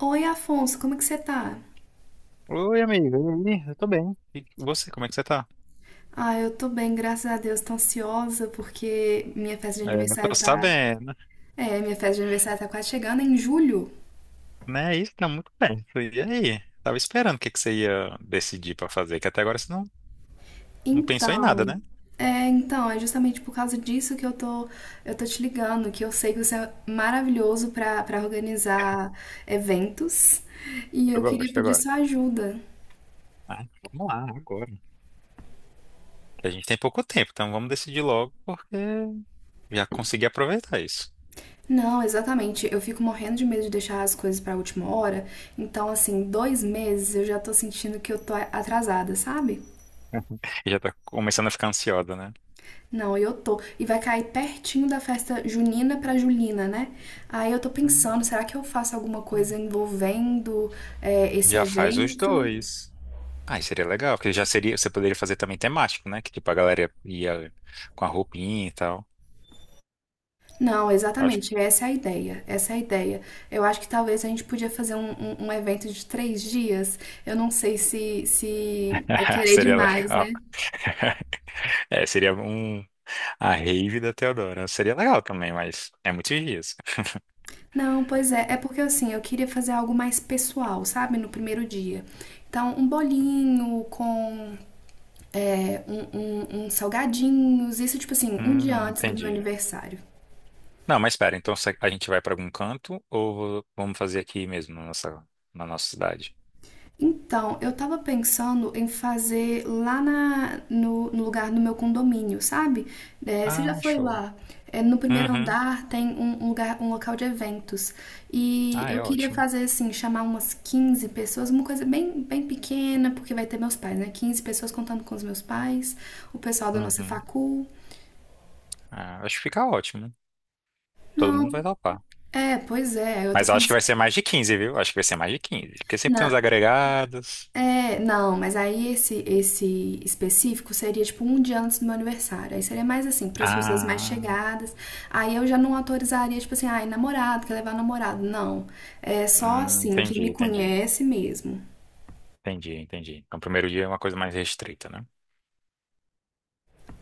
Oi, Afonso, como é que você tá? Oi, amigo. E aí? Eu tô bem. E você, como é que você tá? Ah, eu tô bem, graças a Deus. Tô ansiosa porque minha festa de É, eu aniversário tô tá. sabendo, É, minha festa de aniversário tá quase chegando é em julho. né? Isso tá muito bem. E aí? Tava esperando o que que você ia decidir pra fazer, que até agora você não, não pensou em nada, Então, né? então, é justamente por causa disso que eu tô te ligando, que eu sei que você é maravilhoso pra para organizar eventos e Eu eu queria gosto, eu pedir gosto. sua ajuda. Ah, vamos lá, agora. Que a gente tem pouco tempo, então vamos decidir logo, porque já consegui aproveitar isso. Não, exatamente. Eu fico morrendo de medo de deixar as coisas pra última hora. Então, assim, dois meses eu já tô sentindo que eu tô atrasada, sabe? E já tá começando a ficar ansiosa, né? Não, eu tô. E vai cair pertinho da festa junina pra Julina, né? Aí eu tô pensando, será que eu faço alguma coisa Uhum. envolvendo esse Já faz os evento? dois. Ah, e seria legal, porque já seria, você poderia fazer também temático, né? Que tipo, a galera ia com a roupinha e tal. Não, exatamente, essa é a ideia. Essa é a ideia. Eu acho que talvez a gente podia fazer um evento de 3 dias. Eu não sei se é querer Seria demais, legal. né? É, seria um. A rave da Teodora. Seria legal também, mas é muitos dias. Não, pois é. É porque assim, eu queria fazer algo mais pessoal, sabe? No primeiro dia. Então, um bolinho com é, um, uns salgadinhos, isso tipo assim, um dia antes do meu entendi. aniversário. Não, mas espera, então a gente vai para algum canto ou vamos fazer aqui mesmo na nossa cidade? Então, eu tava pensando em fazer lá na, no, no lugar do meu condomínio, sabe? É, você já Ah, foi show. lá? É, no primeiro Uhum. andar tem um lugar, um local de eventos. E Ah, eu é queria ótimo. fazer assim, chamar umas 15 pessoas, uma coisa bem, bem pequena, porque vai ter meus pais, né? Quinze pessoas contando com os meus pais, o pessoal da nossa Uhum. facul. Ah, acho que fica ótimo. Todo mundo vai Não, topar. é, pois é, eu tô Mas eu acho que vai pensando. ser mais de 15, viu? Acho que vai ser mais de 15, porque sempre tem uns agregados. É, não, mas aí esse específico seria tipo um dia antes do meu aniversário. Aí seria mais assim, para as pessoas mais Ah, chegadas. Aí eu já não autorizaria, tipo assim, ai, namorado, quer levar namorado. Não. É só assim, quem entendi, me entendi. conhece mesmo. Entendi, entendi. Então, o primeiro dia é uma coisa mais restrita, né?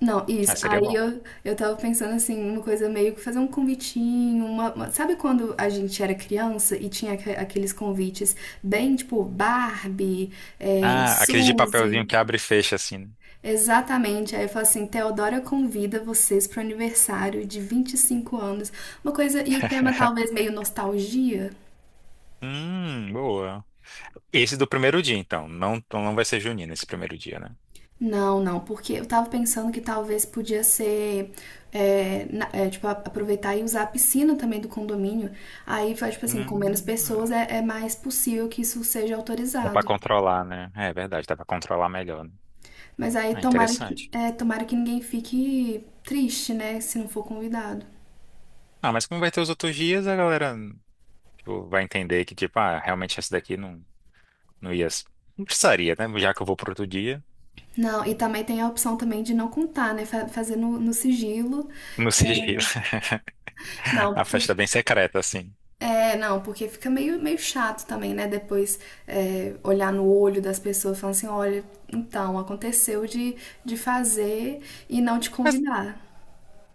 Não, Ah, isso. seria Aí bom. Eu tava pensando assim, uma coisa meio que fazer um convitinho, sabe quando a gente era criança e tinha aqueles convites bem tipo Barbie, é, Ah, aquele de papelzinho Suzy? que abre e fecha, assim, né? Exatamente. Aí eu falo assim, Teodora convida vocês para o aniversário de 25 anos. Uma coisa, e o tema talvez meio nostalgia? Boa. Esse do primeiro dia, então. Não, então não vai ser junino esse primeiro dia, né? Não, não, porque eu tava pensando que talvez podia ser, é, tipo, aproveitar e usar a piscina também do condomínio. Aí, faz, tipo assim, com menos Hum, pessoas é mais possível que isso seja dá pra autorizado. controlar, né? É verdade, dá pra controlar melhor, né? Mas aí Ah, tomara que, interessante. é, tomara que ninguém fique triste, né, se não for convidado. Ah, mas como vai ter os outros dias, a galera, tipo, vai entender que, tipo, ah, realmente esse daqui não, não ia. Não precisaria, né? Já que eu vou pro outro dia, Não, e também tem a opção também de não contar, né? Fazer no sigilo. no sigilo. Não, A festa porque, é bem secreta, assim. Não, porque fica meio chato também, né? Depois é, olhar no olho das pessoas falando assim, olha, então, aconteceu de fazer e não te Mas convidar.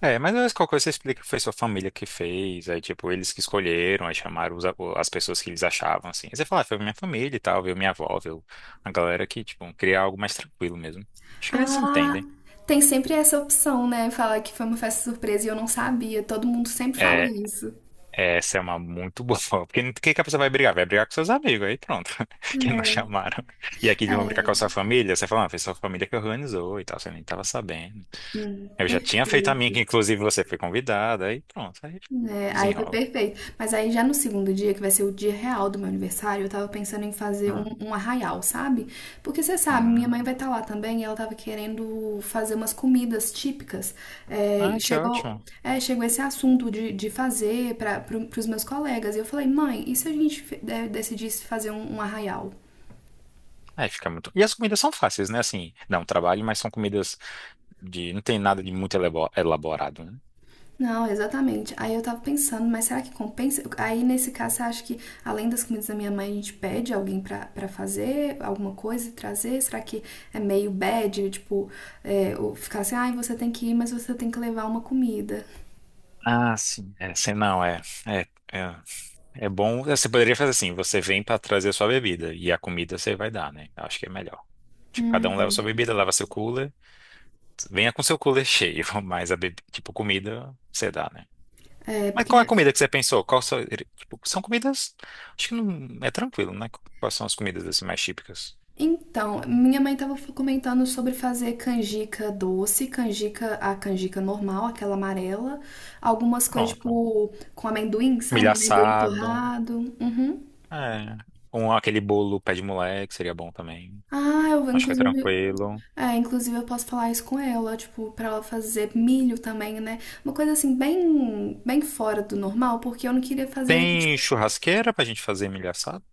É, mas às vezes qualquer coisa você explica que foi sua família que fez, aí tipo, eles que escolheram, aí chamaram os as pessoas que eles achavam, assim. Aí você fala, ah, foi minha família e tal, veio minha avó, veio a galera que, tipo, queria algo mais tranquilo mesmo. Acho que eles Ah, entendem. tem sempre essa opção, né? Falar que foi uma festa surpresa e eu não sabia. Todo mundo sempre fala É, isso. essa é uma muito boa forma, porque o que que a pessoa vai brigar? Vai brigar com seus amigos, aí pronto, que não É, chamaram. E aqui eles vão brigar com é, a sua família, você fala, ah, foi sua família que organizou e tal, você nem tava sabendo. hum, Eu já tinha feito a minha, sei. que inclusive você foi convidada, aí pronto, aí É, aí foi desenrola. perfeito. Mas aí já no segundo dia, que vai ser o dia real do meu aniversário, eu tava pensando em fazer Hum. um arraial, sabe? Porque você sabe, minha mãe vai Hum. estar lá também e ela tava querendo fazer umas comidas típicas. Ah, que ótimo. Chegou esse assunto de fazer pros meus colegas. E eu falei, mãe, e se a gente decidisse fazer um arraial? Aí fica muito. E as comidas são fáceis, né? Assim, dá um trabalho, mas são comidas de. Não tem nada de muito elaborado, né? Não, exatamente. Aí eu tava pensando, mas será que compensa? Aí nesse caso, você acha que além das comidas da minha mãe, a gente pede alguém pra fazer alguma coisa e trazer? Será que é meio bad? Tipo, é, ou ficar assim, ai, você tem que ir, mas você tem que levar uma comida. Ah, sim. É, não, é, é bom. Você poderia fazer assim: você vem para trazer sua bebida e a comida você vai dar, né? Eu acho que é melhor. Tipo, cada um leva sua bebida, leva seu cooler. Venha com seu cooler cheio, mas a bebida, tipo, comida você dá, né? É, Mas porque. qual é a comida que você pensou? Qual são, tipo, são comidas. Acho que não é tranquilo, né? Quais são as comidas assim mais típicas? Então, minha mãe tava comentando sobre fazer canjica doce, canjica, a canjica normal, aquela amarela, algumas coisas Pronto. tipo com amendoim, Milho sabe? Amendoim assado. torrado. Uhum. É. Aquele bolo pé de moleque seria bom também. Ah, eu Acho que é inclusive. tranquilo. É, inclusive eu posso falar isso com ela, tipo, pra ela fazer milho também, né? Uma coisa assim, bem, bem fora do normal, porque eu não queria fazer, tipo, Tem churrasqueira pra gente fazer milho assado?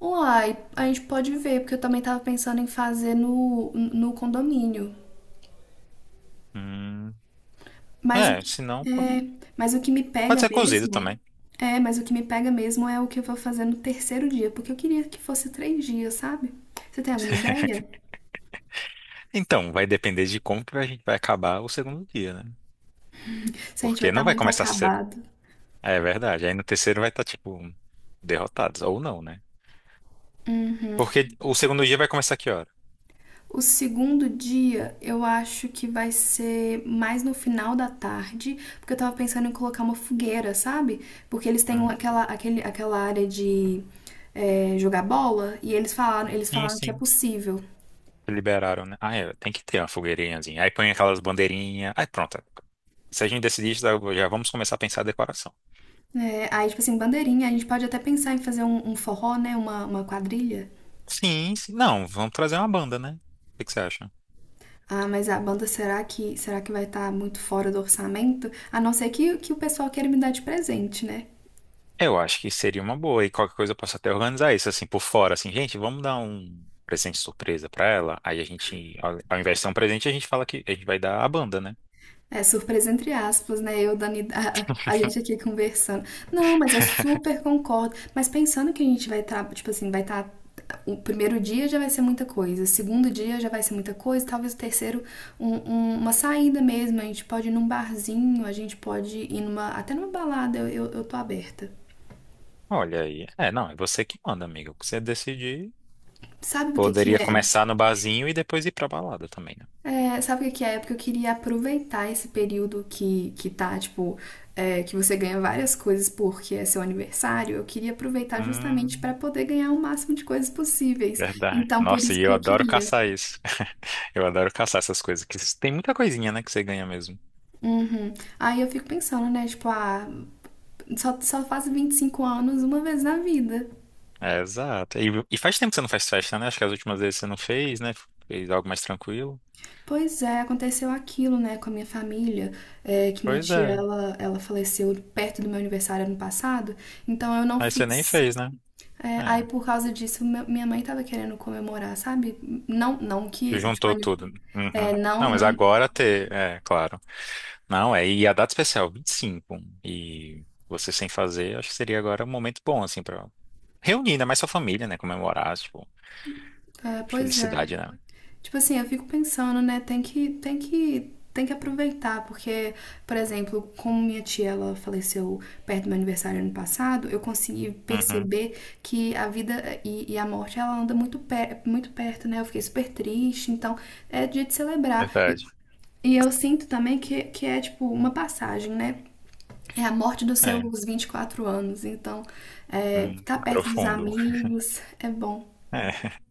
uai, a gente pode ver, porque eu também tava pensando em fazer no condomínio. Hum, Mas o é, que, se não, pô, é, mas o que me pode pega ser cozido também. Mas o que me pega mesmo é o que eu vou fazer no terceiro dia, porque eu queria que fosse 3 dias, sabe? Você tem alguma ideia? Então, vai depender de como que a gente vai acabar o segundo dia, né? Se a gente vai Porque não estar vai muito começar cedo. acabado. É verdade. Aí no terceiro vai estar, tipo, derrotados. Ou não, né? Uhum. Porque o segundo dia vai começar que hora? O segundo dia eu acho que vai ser mais no final da tarde, porque eu tava pensando em colocar uma fogueira, sabe? Porque eles têm Hum, aquela área de jogar bola e eles Sim, falaram que é sim. possível. Liberaram, né? Ah, é, tem que ter uma fogueirinhazinha. Aí põe aquelas bandeirinhas. Aí pronto. Se a gente decidir isso, já vamos começar a pensar a decoração. É, aí, tipo assim, bandeirinha, a gente pode até pensar em fazer um forró, né? Uma quadrilha. Sim, sim. Não, vamos trazer uma banda, né? O que que você acha? Ah, mas a banda será que vai estar muito fora do orçamento? A não ser que o pessoal queira me dar de presente, né? Eu acho que seria uma boa. E qualquer coisa eu posso até organizar isso, assim, por fora. Assim, gente, vamos dar um presente surpresa pra ela. Aí a gente, ao invés de ser um presente, a gente fala que a gente vai dar a banda, né? É surpresa entre aspas, né? Eu, Dani, a gente aqui conversando. Não, mas eu super concordo. Mas pensando que a gente vai estar, tipo assim, vai estar. O primeiro dia já vai ser muita coisa, o segundo dia já vai ser muita coisa, talvez o terceiro, uma saída mesmo. A gente pode ir num barzinho, a gente pode ir numa, até numa balada, eu tô aberta. Olha aí. É, não, é você que manda, amigo. O que você decidir. Sabe o que que Poderia é? começar no barzinho e depois ir pra balada também, né? É, sabe o que que é? Porque eu queria aproveitar esse período que tá, tipo, que você ganha várias coisas porque é seu aniversário. Eu queria aproveitar justamente para Hum, poder ganhar o máximo de coisas possíveis. verdade. Então, por Nossa, isso e que eu eu adoro queria. caçar isso. Eu adoro caçar essas coisas. Que tem muita coisinha, né, que você ganha mesmo. Uhum. Aí eu fico pensando, né? Tipo, ah, só faz 25 anos uma vez na vida. É, exato. E faz tempo que você não faz festa, né? Acho que as últimas vezes você não fez, né? Fez algo mais tranquilo. Pois é, aconteceu aquilo, né, com a minha família, que minha Pois tia, é. Ela faleceu perto do meu aniversário ano passado, então eu não Mas você nem fiz. fez, né? É, aí É. por causa disso, minha mãe tava querendo comemorar, sabe? Não, não Que que, tipo, juntou ani- tudo. Uhum. é, não, Não, mas não, agora ter. É, claro. Não, é. E a data especial, 25. E cinco. E você sem fazer, acho que seria agora um momento bom, assim, pra reunir ainda mais sua família, né? Comemorar, tipo, é, pois é. felicidade, né? Tipo assim, eu fico pensando, né? Tem que aproveitar, porque, por exemplo, como minha tia ela faleceu perto do meu aniversário ano passado, eu consegui Uhum. perceber que a vida e a morte ela anda muito perto, né? Eu fiquei super triste, então é dia de celebrar. E, Verdade. e eu sinto também que é tipo uma passagem, né? É a morte dos É. seus 24 anos, então ficar perto dos profundo. amigos é bom. É.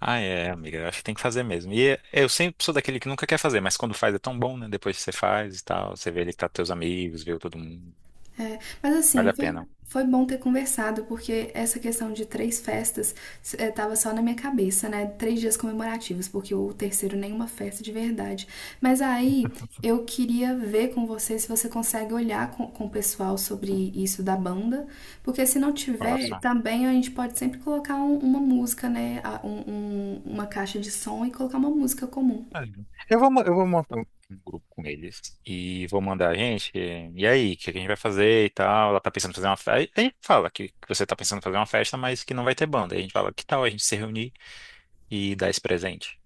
Ah, é, amiga, eu acho que tem que fazer mesmo. E eu sempre sou daquele que nunca quer fazer, mas quando faz é tão bom, né? Depois que você faz e tal, você vê ele que tá com teus amigos, viu todo mundo. É, mas assim, Vale a pena. foi bom ter conversado, porque essa questão de 3 festas estava só na minha cabeça, né? 3 dias comemorativos, porque o terceiro nenhuma festa de verdade. Mas aí eu queria ver com você se você consegue olhar com o pessoal sobre isso da banda, porque se não tiver, Façam. também a gente pode sempre colocar uma música, né? Uma caixa de som e colocar uma música comum. Vale. Eu vou montar um grupo com eles e vou mandar, a gente, e aí, o que a gente vai fazer e tal? Ela tá pensando em fazer uma festa. Aí fala que você tá pensando em fazer uma festa, mas que não vai ter banda. Aí a gente fala, que tal a gente se reunir e dar esse presente?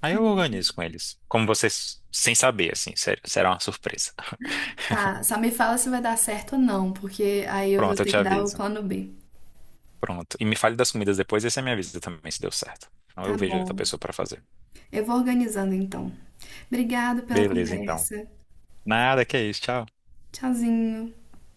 Aí eu organizo com eles. Como vocês, sem saber, assim, sério, será uma surpresa. Tá, só me fala se vai dar certo ou não, porque aí eu vou Pronto, eu ter te que dar o aviso. plano B. Pronto. E me fale das comidas depois e você me avisa também se deu certo. Então eu Tá vejo outra bom. pessoa para fazer. Eu vou organizando então. Obrigado pela Beleza, então. conversa. Nada, que é isso. Tchau. Tchauzinho.